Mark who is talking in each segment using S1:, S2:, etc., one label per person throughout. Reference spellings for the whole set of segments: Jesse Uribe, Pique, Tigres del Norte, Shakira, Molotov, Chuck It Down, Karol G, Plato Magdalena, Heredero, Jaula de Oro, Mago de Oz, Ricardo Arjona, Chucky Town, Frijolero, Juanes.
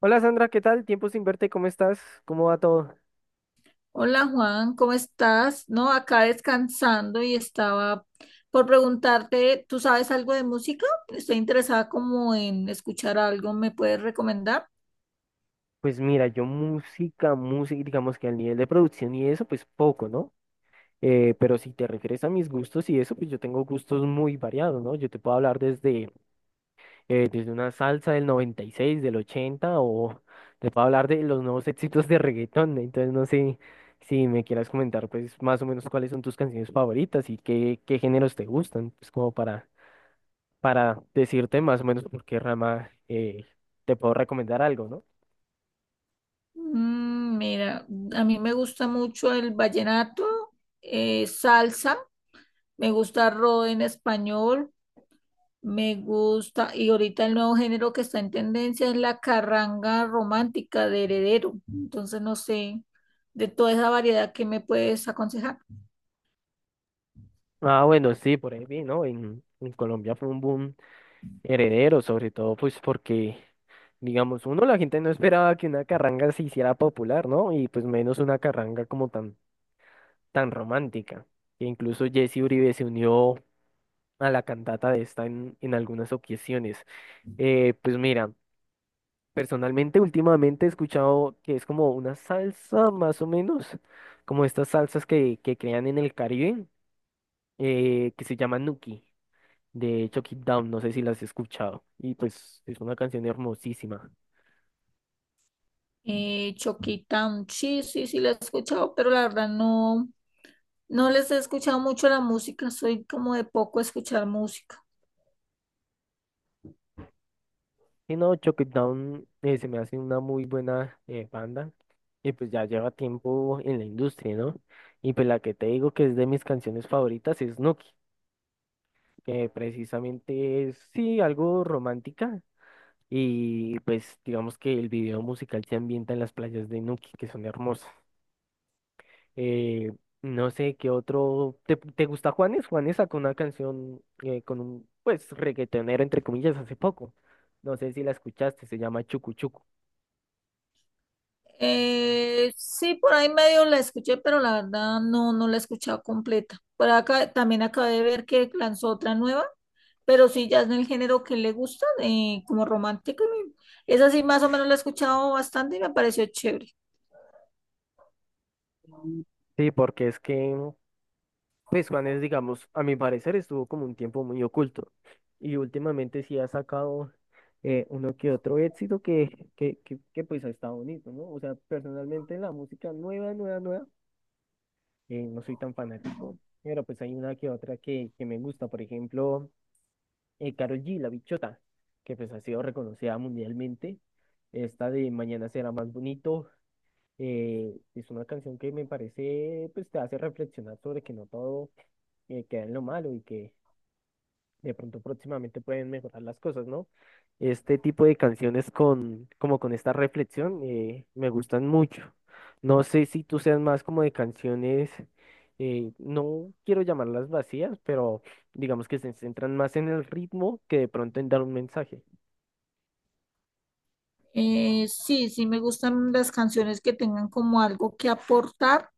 S1: Hola Sandra, ¿qué tal? Tiempo sin verte, ¿cómo estás? ¿Cómo va todo?
S2: Hola Juan, ¿cómo estás? No, acá descansando y estaba por preguntarte, ¿tú sabes algo de música? Estoy interesada como en escuchar algo, ¿me puedes recomendar?
S1: Pues mira, yo música, música, digamos que al nivel de producción y eso, pues poco, ¿no? Pero si te refieres a mis gustos y eso, pues yo tengo gustos muy variados, ¿no? Yo te puedo hablar desde una salsa del 96, del 80, o te puedo hablar de los nuevos éxitos de reggaetón. Entonces, no sé si me quieras comentar, pues más o menos cuáles son tus canciones favoritas y qué géneros te gustan, pues como para decirte más o menos por qué rama te puedo recomendar algo, ¿no?
S2: Mm, mira, a mí me gusta mucho el vallenato, salsa, me gusta rock en español, me gusta, y ahorita el nuevo género que está en tendencia es la carranga romántica de Heredero. Entonces, no sé, de toda esa variedad, ¿qué me puedes aconsejar?
S1: Ah, bueno, sí, por ahí vi, ¿no? En Colombia fue un boom heredero, sobre todo pues porque, digamos, uno, la gente no esperaba que una carranga se hiciera popular, ¿no? Y pues menos una carranga como tan, tan romántica. E incluso Jesse Uribe se unió a la cantata de esta en algunas ocasiones. Pues mira. Personalmente, últimamente he escuchado que es como una salsa, más o menos, como estas salsas que crean en el Caribe, que se llama Nuki, de Chuck It Down, no sé si las has escuchado, y pues es una canción hermosísima.
S2: Chucky Town, sí, sí, sí, la he escuchado, pero la verdad no les he escuchado mucho la música, soy como de poco escuchar música.
S1: Y no, Chuck It Down se me hace una muy buena banda, y pues ya lleva tiempo en la industria, ¿no? Y pues la que te digo que es de mis canciones favoritas es Nuki, que precisamente es, sí, algo romántica. Y pues digamos que el video musical se ambienta en las playas de Nuki, que son hermosas. Eh, no sé qué otro. ¿Te gusta Juanes? Juanes sacó una canción con un pues reggaetonero entre comillas hace poco. No sé si la escuchaste, se llama Chucu Chucu.
S2: Sí, por ahí medio la escuché, pero la verdad no la he escuchado completa. Por acá también acabé de ver que lanzó otra nueva, pero sí, ya es del género que le gusta, como romántica. Y esa sí, más o menos la he escuchado bastante y me pareció chévere.
S1: Mm. Sí, porque es que, pues Juanes, digamos, a mi parecer estuvo como un tiempo muy oculto y últimamente sí ha sacado uno que otro éxito que, pues ha estado bonito, ¿no? O sea, personalmente la música nueva, nueva, nueva, no soy tan fanático, pero pues hay una que otra que me gusta, por ejemplo, Karol G, La Bichota, que pues ha sido reconocida mundialmente, esta de Mañana será más bonito, es una canción que me parece, pues te hace reflexionar sobre que no todo queda en lo malo y que de pronto próximamente pueden mejorar las cosas, ¿no? Este tipo de canciones como con esta reflexión, me gustan mucho. No sé si tú seas más como de canciones, no quiero llamarlas vacías, pero digamos que se centran más en el ritmo que de pronto en dar un mensaje.
S2: Sí, sí, me gustan las canciones que tengan como algo que aportar,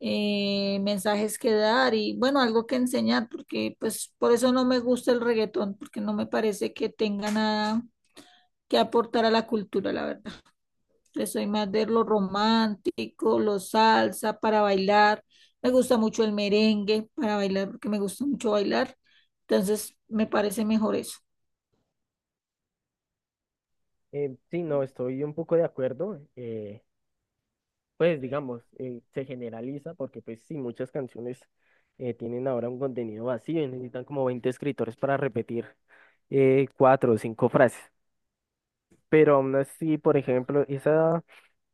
S2: mensajes que dar y bueno, algo que enseñar, porque pues por eso no me gusta el reggaetón, porque no me parece que tenga nada que aportar a la cultura, la verdad. Yo soy más de lo romántico, lo salsa para bailar. Me gusta mucho el merengue para bailar, porque me gusta mucho bailar. Entonces, me parece mejor eso.
S1: Sí, no, estoy un poco de acuerdo. Pues digamos, se generaliza porque pues sí, muchas canciones tienen ahora un contenido vacío y necesitan como 20 escritores para repetir cuatro o cinco frases. Pero aún así, por ejemplo, esa,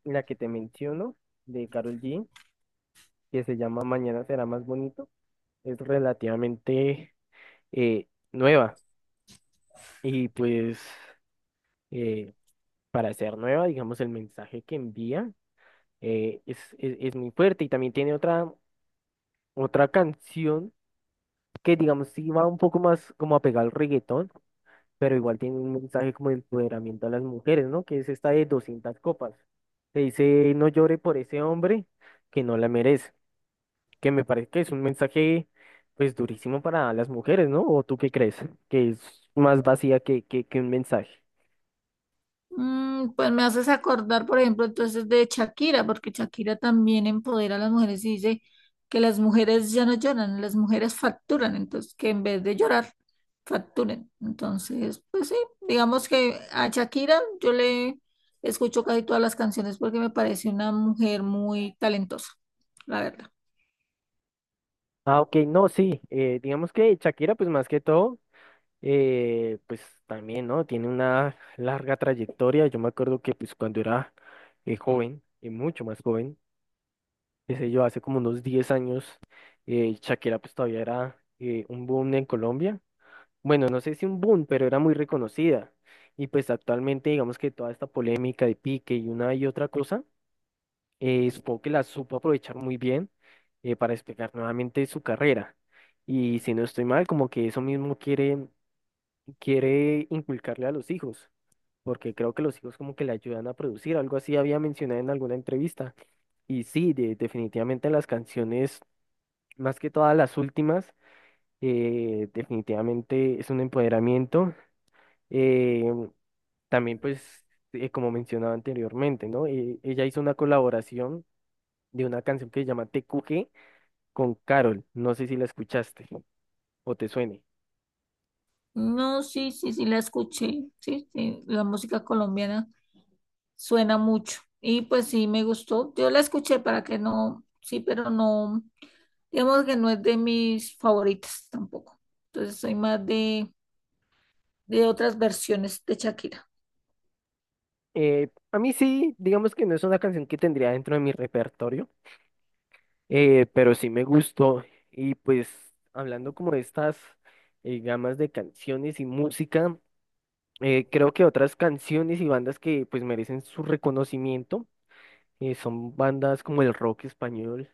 S1: la que te menciono, de Karol G, que se llama Mañana será más bonito, es relativamente eh, nueva. Y pues, eh, para ser nueva, digamos, el mensaje que envía es muy fuerte. Y también tiene otra canción que digamos sí va un poco más como apegado al reggaetón, pero igual tiene un mensaje como de empoderamiento a las mujeres, ¿no? Que es esta de 200 copas. Te dice, no llore por ese hombre que no la merece, que me parece que es un mensaje pues durísimo para las mujeres, ¿no? ¿O tú qué crees? Que es más vacía que un mensaje.
S2: Mm, pues me haces acordar, por ejemplo, entonces de Shakira, porque Shakira también empodera a las mujeres y dice que las mujeres ya no lloran, las mujeres facturan, entonces que en vez de llorar, facturen. Entonces, pues sí, digamos que a Shakira yo le escucho casi todas las canciones porque me parece una mujer muy talentosa, la verdad.
S1: Ah, ok, no, sí, digamos que Shakira pues más que todo, pues también, ¿no? Tiene una larga trayectoria. Yo me acuerdo que pues cuando era joven, y mucho más joven, qué sé yo, hace como unos 10 años, Shakira pues todavía era un boom en Colombia. Bueno, no sé si un boom, pero era muy reconocida. Y pues actualmente digamos que toda esta polémica de Pique y una y otra cosa, supongo que la supo aprovechar muy bien para despegar nuevamente su carrera. Y si no estoy mal, como que eso mismo quiere inculcarle a los hijos, porque creo que los hijos como que le ayudan a producir, algo así había mencionado en alguna entrevista. Y sí, definitivamente las canciones más que todas las últimas, definitivamente es un empoderamiento. eh, también, pues, como mencionaba anteriormente, ¿no? Ella hizo una colaboración de una canción que se llama TQG con Carol. No sé si la escuchaste o te suene.
S2: No, sí, sí, sí, la escuché, sí, sí, la música colombiana suena mucho. Y pues sí, me gustó. Yo la escuché para que no, sí, pero no, digamos que no es de mis favoritas tampoco. Entonces soy más de otras versiones de Shakira.
S1: A mí sí, digamos que no es una canción que tendría dentro de mi repertorio, pero sí me gustó. Y pues, hablando como de estas gamas de canciones y música. Creo que otras canciones y bandas que pues merecen su reconocimiento son bandas como el rock español,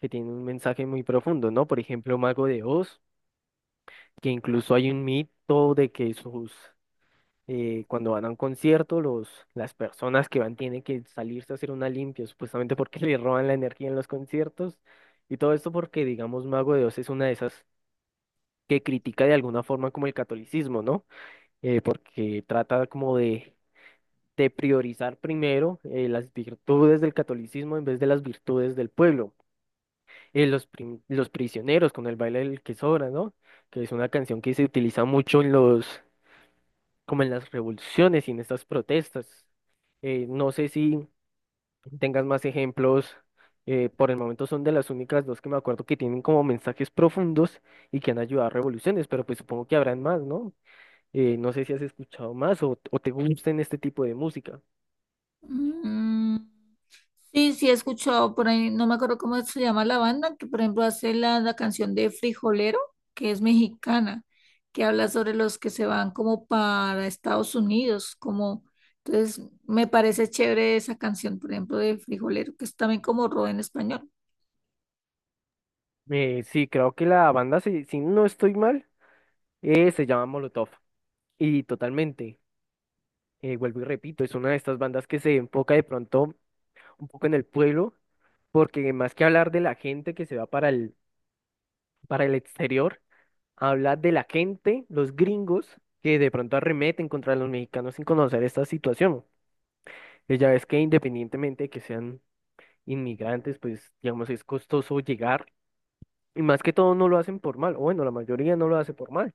S1: que tienen un mensaje muy profundo, ¿no? Por ejemplo, Mago de Oz, que incluso hay un mito de que sus, cuando van a un concierto, los, las personas que van tienen que salirse a hacer una limpia, supuestamente porque le roban la energía en los conciertos, y todo esto porque, digamos, Mago de Oz es una de esas que critica de alguna forma como el catolicismo, ¿no? Porque trata como de priorizar primero las virtudes del catolicismo en vez de las virtudes del pueblo. Los prisioneros con el baile del que sobra, ¿no? Que es una canción que se utiliza mucho en los, como en las revoluciones y en estas protestas. No sé si tengas más ejemplos. Por el momento son de las únicas dos que me acuerdo que tienen como mensajes profundos y que han ayudado a revoluciones, pero pues supongo que habrán más, ¿no? No sé si has escuchado más o te gusten este tipo de música.
S2: Mm, sí, sí, he escuchado por ahí, no me acuerdo cómo se llama la banda, que por ejemplo hace la canción de Frijolero, que es mexicana, que habla sobre los que se van como para Estados Unidos, como, entonces me parece chévere esa canción, por ejemplo, de Frijolero, que es también como rock en español.
S1: Sí, creo que la banda, si no estoy mal, se llama Molotov. Y totalmente, vuelvo y repito, es una de estas bandas que se enfoca de pronto un poco en el pueblo, porque más que hablar de la gente que se va para el exterior, habla de la gente, los gringos, que de pronto arremeten contra los mexicanos sin conocer esta situación. Ya ves que independientemente de que sean inmigrantes, pues digamos, es costoso llegar. Y más que todo no lo hacen por mal, o bueno, la mayoría no lo hace por mal,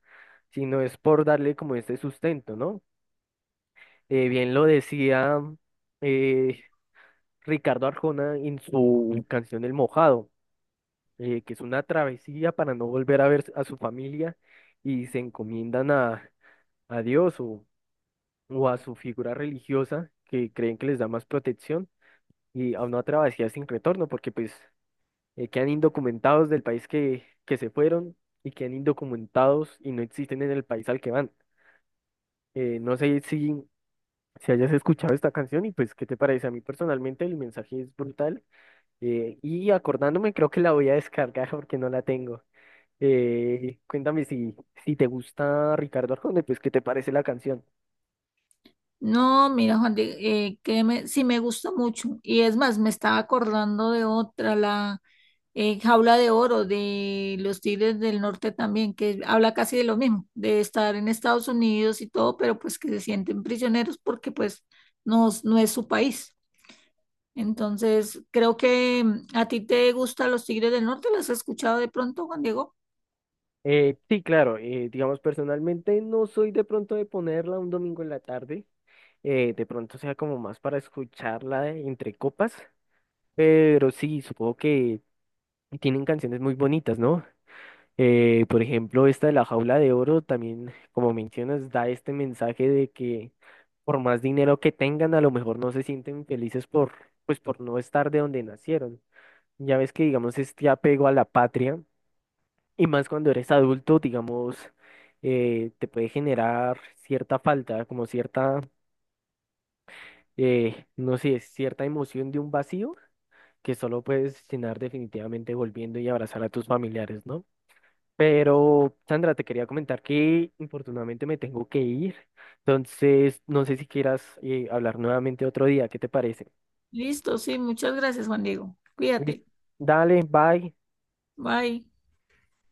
S1: sino es por darle como este sustento, ¿no? Bien lo decía eh, Ricardo Arjona en su canción El Mojado, que es una travesía para no volver a ver a su familia y se encomiendan a Dios o a su figura religiosa que creen que les da más protección y a una travesía sin retorno, porque pues quedan indocumentados del país que se fueron y quedan indocumentados y no existen en el país al que van. No sé si hayas escuchado esta canción y pues, ¿qué te parece? A mí personalmente el mensaje es brutal y acordándome creo que la voy a descargar porque no la tengo. Cuéntame si te gusta Ricardo Arjona, pues, ¿qué te parece la canción?
S2: No, mira, Juan, créeme, sí me gusta mucho. Y es más, me estaba acordando de otra, la Jaula de Oro de los Tigres del Norte también, que habla casi de lo mismo, de estar en Estados Unidos y todo, pero pues que se sienten prisioneros porque pues no, no es su país. Entonces, creo que a ti te gustan los Tigres del Norte, ¿las has escuchado de pronto, Juan Diego?
S1: Sí, claro, digamos personalmente no soy de pronto de ponerla un domingo en la tarde, de pronto sea como más para escucharla entre copas. Pero sí, supongo que tienen canciones muy bonitas, ¿no? Por ejemplo, esta de La Jaula de Oro también, como mencionas, da este mensaje de que por más dinero que tengan, a lo mejor no se sienten felices por, pues, por no estar de donde nacieron. Ya ves que, digamos, este apego a la patria, y más cuando eres adulto, digamos, te puede generar cierta falta, como cierta, no sé, cierta emoción de un vacío que solo puedes cenar definitivamente volviendo y abrazar a tus familiares, ¿no? Pero, Sandra, te quería comentar que infortunadamente me tengo que ir, entonces no sé si quieras hablar nuevamente otro día, ¿qué te parece?
S2: Listo, sí, muchas gracias, Juan Diego.
S1: Listo.
S2: Cuídate.
S1: Dale, bye.
S2: Bye.